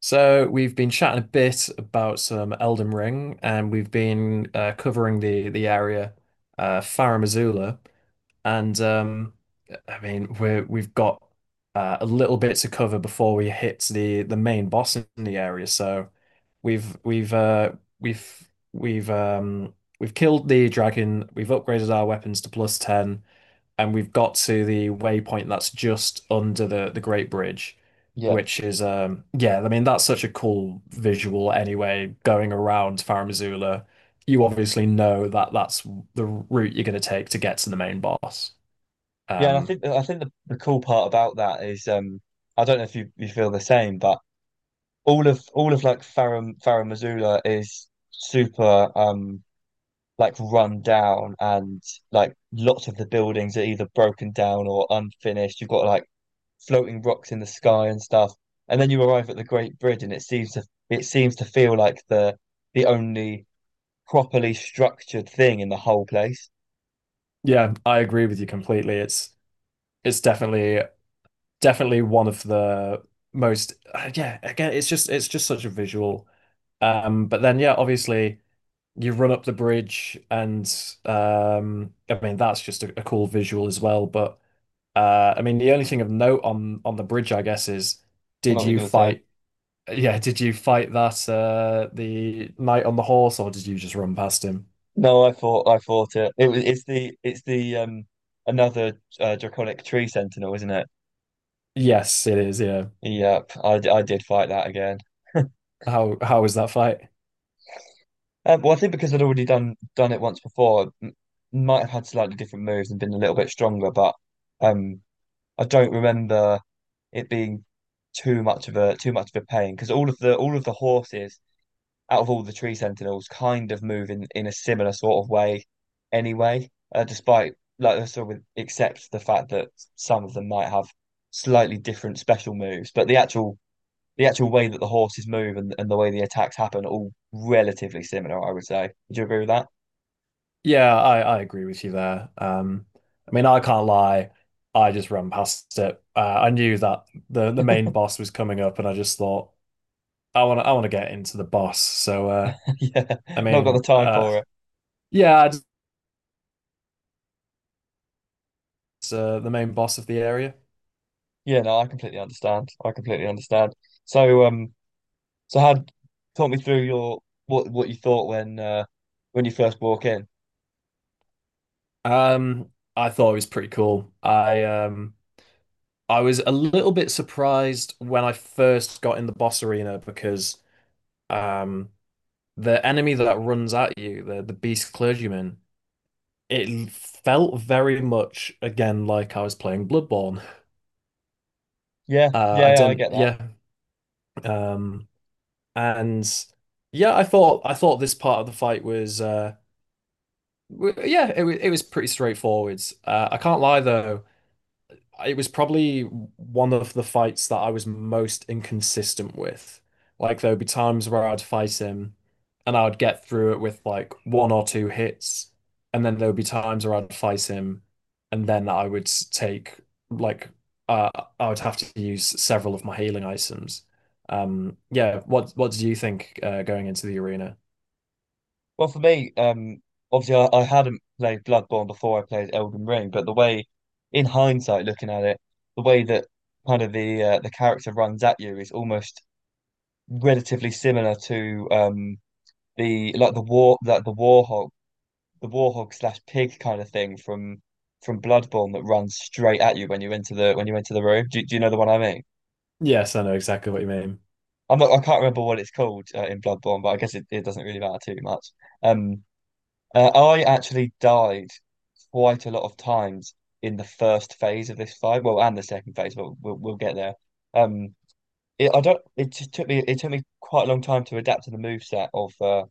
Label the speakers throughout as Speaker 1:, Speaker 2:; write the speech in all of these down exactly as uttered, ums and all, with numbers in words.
Speaker 1: So we've been chatting a bit about some Elden Ring, and we've been uh, covering the the area, uh, Farum Azula, and um, I mean we we've got uh, a little bit to cover before we hit the the main boss in the area. So we've we've uh, we've we've um, we've killed the dragon. We've upgraded our weapons to plus ten and we've got to the waypoint that's just under the the Great Bridge,
Speaker 2: Yeah.
Speaker 1: which is um yeah, I mean that's such a cool visual anyway, going around Farum Azula. You obviously know that that's the route you're going to take to get to the main boss.
Speaker 2: Yeah, and I
Speaker 1: Um
Speaker 2: think I think the, the cool part about that is um I don't know if you, you feel the same, but all of all of like Farah Farah Missoula is super um like run down and like lots of the buildings are either broken down or unfinished. You've got like floating rocks in the sky and stuff. And then you arrive at the Great Bridge and it seems to it seems to feel like the the only properly structured thing in the whole place.
Speaker 1: yeah, I agree with you completely. It's it's definitely definitely one of the most uh, yeah, again, it's just it's just such a visual um but then yeah, obviously you run up the bridge and um I mean that's just a, a cool visual as well but uh I mean the only thing of note on on the bridge I guess is
Speaker 2: I know
Speaker 1: did
Speaker 2: what you're
Speaker 1: you
Speaker 2: gonna say.
Speaker 1: fight yeah, did you fight that uh the knight on the horse, or did you just run past him?
Speaker 2: No, I thought I thought it. It was it's the it's the um another uh, draconic tree sentinel, isn't it?
Speaker 1: Yes, it is, yeah.
Speaker 2: Yep, I, d- I did fight that again.
Speaker 1: how how was that fight?
Speaker 2: Um, well, I think because I'd already done done it once before, m- might have had slightly different moves and been a little bit stronger, but um, I don't remember it being too much of a too much of a pain because all of the all of the horses out of all the tree sentinels kind of move in, in a similar sort of way anyway, uh, despite like sort of except the fact that some of them might have slightly different special moves, but the actual the actual way that the horses move and, and the way the attacks happen are all relatively similar, I would say. Would you agree with that?
Speaker 1: Yeah, I I agree with you there. um I mean I can't lie, I just ran past it. uh, I knew that the the main boss was coming up and I just thought I want to I want to get into the boss, so uh
Speaker 2: Yeah,
Speaker 1: I
Speaker 2: not got the
Speaker 1: mean,
Speaker 2: time
Speaker 1: uh,
Speaker 2: for it.
Speaker 1: yeah, it's uh, the main boss of the area.
Speaker 2: Yeah, no, I completely understand. I completely understand. So, um, so had talk me through your what what you thought when uh when you first walk in.
Speaker 1: Um, I thought it was pretty cool. I um, I was a little bit surprised when I first got in the boss arena because um, the enemy that runs at you, the the beast clergyman, it felt very much again like I was playing Bloodborne.
Speaker 2: Yeah,
Speaker 1: Uh, I
Speaker 2: yeah, yeah, I
Speaker 1: didn't,
Speaker 2: get that.
Speaker 1: yeah, um, and yeah, I thought I thought this part of the fight was uh, W- yeah, it, wa- it was pretty straightforward. Uh, I can't lie though, it was probably one of the fights that I was most inconsistent with. Like there would be times where I'd fight him, and I would get through it with like one or two hits, and then there would be times where I'd fight him, and then I would take like uh, I would have to use several of my healing items. Um, yeah, what what did you think uh, going into the arena?
Speaker 2: Well, for me, um, obviously I, I hadn't played Bloodborne before I played Elden Ring, but the way, in hindsight, looking at it, the way that kind of the uh, the character runs at you is almost relatively similar to um the like the war like the warhog the warhog slash pig kind of thing from from Bloodborne that runs straight at you when you enter the when you enter the room. Do, do you know the one I mean?
Speaker 1: Yes, I know exactly what you mean.
Speaker 2: I'm not I can't remember what it's called uh, in Bloodborne, but I guess it, it doesn't really matter too much. Um, Uh, I actually died quite a lot of times in the first phase of this fight. Well, and the second phase, but we'll we'll get there. Um, it, I don't. It just took me. It took me quite a long time to adapt to the moveset of uh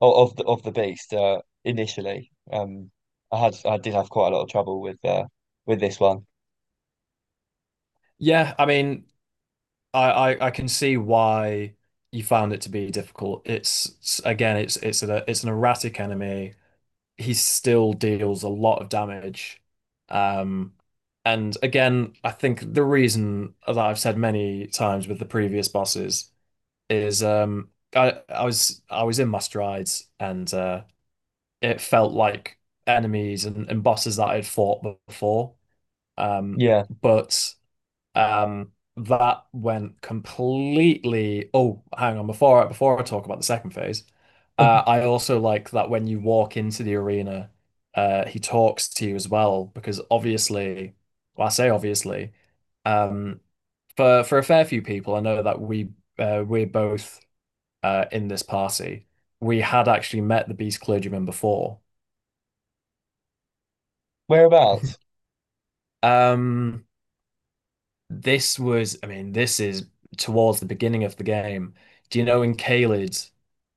Speaker 2: o- of the of the beast. Uh, initially, um, I had I did have quite a lot of trouble with uh with this one.
Speaker 1: Yeah, I mean, I, I I can see why you found it to be difficult. It's it's- again, it's it's a it's an erratic enemy. He still deals a lot of damage. Um, and again, I think the reason that I've said many times with the previous bosses is um I I was I was in my strides and uh it felt like enemies and, and bosses that I'd fought before. Um,
Speaker 2: Yeah.
Speaker 1: but um, that went completely. Oh, hang on. Before I, before I talk about the second phase, uh, I also like that when you walk into the arena, uh, he talks to you as well because obviously, well, I say obviously, um, for for a fair few people, I know that we uh, we're both uh, in this party. We had actually met the Beast Clergyman before.
Speaker 2: Whereabouts?
Speaker 1: Um, this was, I mean, this is towards the beginning of the game. Do you know in Caelid,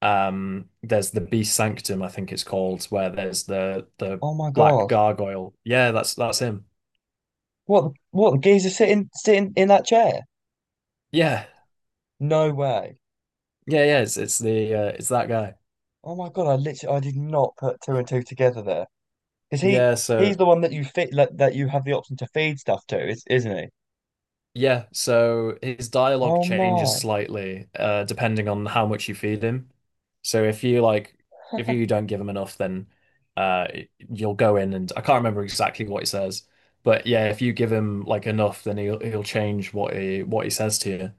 Speaker 1: um, there's the Beast Sanctum, I think it's called, where there's the the
Speaker 2: Oh my
Speaker 1: black
Speaker 2: God!
Speaker 1: gargoyle. Yeah, that's that's him.
Speaker 2: What the- what the geezer sitting sitting in that chair?
Speaker 1: Yeah,
Speaker 2: No way!
Speaker 1: yeah, yeah. It's it's the uh, it's that guy.
Speaker 2: Oh my God! I literally I did not put two and two together there. Because he
Speaker 1: Yeah, so.
Speaker 2: he's the one that you fit that, that you have the option to feed stuff to, is isn't he?
Speaker 1: Yeah, so his dialogue
Speaker 2: Oh
Speaker 1: changes
Speaker 2: my.
Speaker 1: slightly uh, depending on how much you feed him. So if you like, if you don't give him enough, then uh, you'll go in and I can't remember exactly what he says, but yeah, if you give him like enough, then he'll he'll change what he what he says to you.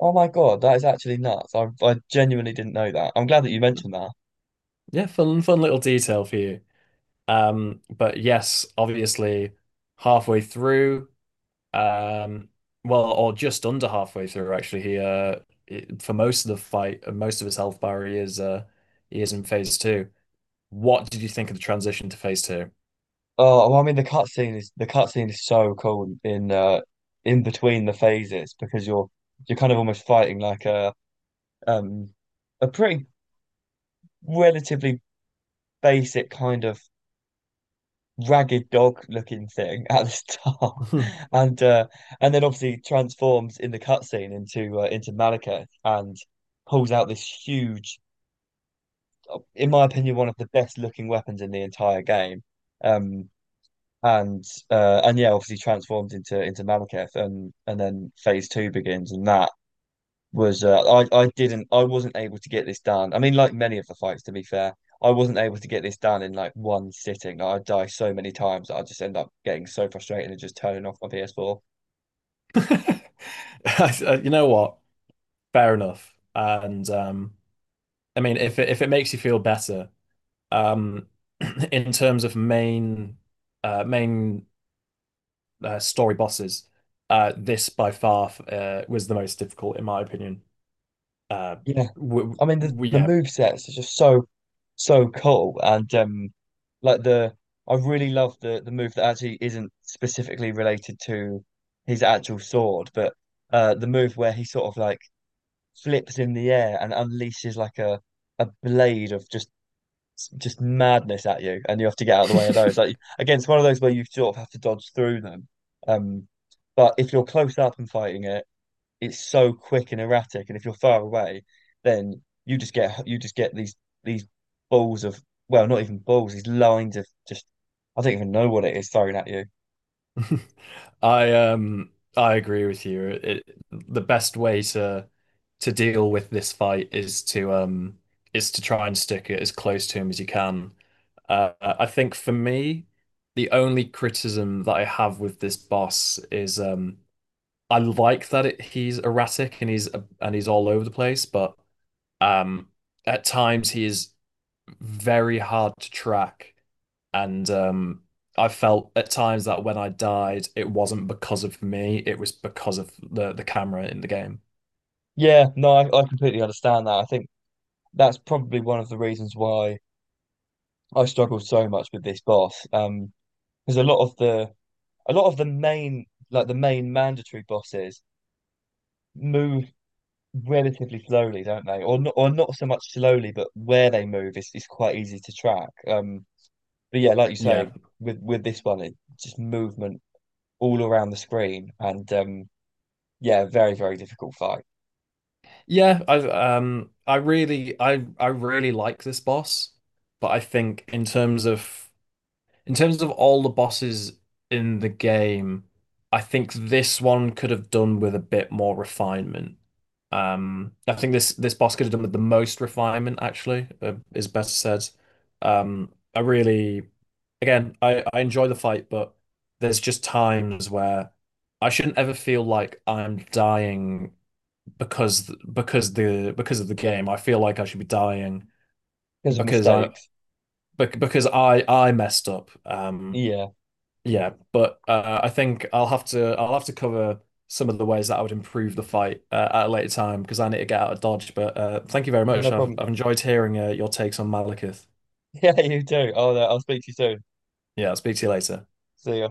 Speaker 2: Oh my God, that is actually nuts. I I genuinely didn't know that. I'm glad that you mentioned that.
Speaker 1: Yeah, fun fun little detail for you. Um, but yes, obviously, halfway through. Um, well, or just under halfway through, actually. He uh, it- for most of the fight, uh, most of his health bar, he is uh, he is in phase two. What did you think of the transition to phase two?
Speaker 2: Oh, well, I mean the cutscene is the cutscene is so cool in uh in between the phases because you're you're kind of almost fighting like a um a pretty relatively basic kind of ragged dog looking thing at the start, and uh, and then obviously transforms in the cutscene into uh, into Malekith and pulls out this huge, in my opinion, one of the best looking weapons in the entire game. Um, and uh, and yeah, obviously transforms into into Malekith, and and then phase two begins, and that was uh, I I didn't I wasn't able to get this done. I mean, like many of the fights, to be fair, I wasn't able to get this done in like one sitting. Like, I die so many times that I just end up getting so frustrated and just turning off my P S four.
Speaker 1: You know what? Fair enough. And um, I mean, if it, if it makes you feel better, um, in terms of main uh, main uh, story bosses, uh, this by far uh, was the most difficult, in my opinion. Uh,
Speaker 2: Yeah,
Speaker 1: w
Speaker 2: I mean the
Speaker 1: w
Speaker 2: the
Speaker 1: Yeah,
Speaker 2: move sets are just so so cool and um like the I really love the the move that actually isn't specifically related to his actual sword, but uh the move where he sort of like flips in the air and unleashes like a a blade of just s- just madness at you, and you have to get out of the way of those. Like again, it's one of those where you sort of have to dodge through them. Um, but if you're close up and fighting it, it's so quick and erratic, and if you're far away, then you just get you just get these these balls of well, not even balls, these lines of just I don't even know what it is thrown at you.
Speaker 1: I um I agree with you. It, the best way to to deal with this fight is to um is to try and stick it as close to him as you can. Uh, I think for me, the only criticism that I have with this boss is um I like that it, he's erratic and he's and he's all over the place, but um at times he is very hard to track. And um, I felt at times that when I died, it wasn't because of me, it was because of the the camera in the game.
Speaker 2: Yeah, no, I, I completely understand that. I think that's probably one of the reasons why I struggled so much with this boss. Um, because a lot of the a lot of the main like the main mandatory bosses move relatively slowly, don't they? Or not, or not so much slowly, but where they move is, is quite easy to track. Um, but yeah, like you
Speaker 1: Yeah.
Speaker 2: say, with with this one, it just movement all around the screen, and um, yeah, very very difficult fight
Speaker 1: Yeah, I um I really I I really like this boss, but I think in terms of in terms of all the bosses in the game, I think this one could have done with a bit more refinement. Um, I think this this boss could have done with the most refinement, actually, uh, is best said. Um, I really, again, I, I enjoy the fight, but there's just times where I shouldn't ever feel like I'm dying because because the because of the game. I feel like I should be dying
Speaker 2: because of
Speaker 1: because I
Speaker 2: mistakes.
Speaker 1: bec- because I I messed up. Um,
Speaker 2: Yeah,
Speaker 1: yeah, but uh, I think I'll have to I'll have to cover some of the ways that I would improve the fight uh, at a later time because I need to get out of Dodge. But uh, thank you very
Speaker 2: yeah, no
Speaker 1: much. I've
Speaker 2: problem.
Speaker 1: I've enjoyed hearing uh, your takes on Malekith.
Speaker 2: Yeah, you do. Oh, no, I'll speak to you soon.
Speaker 1: Yeah, I'll speak to you later.
Speaker 2: See ya.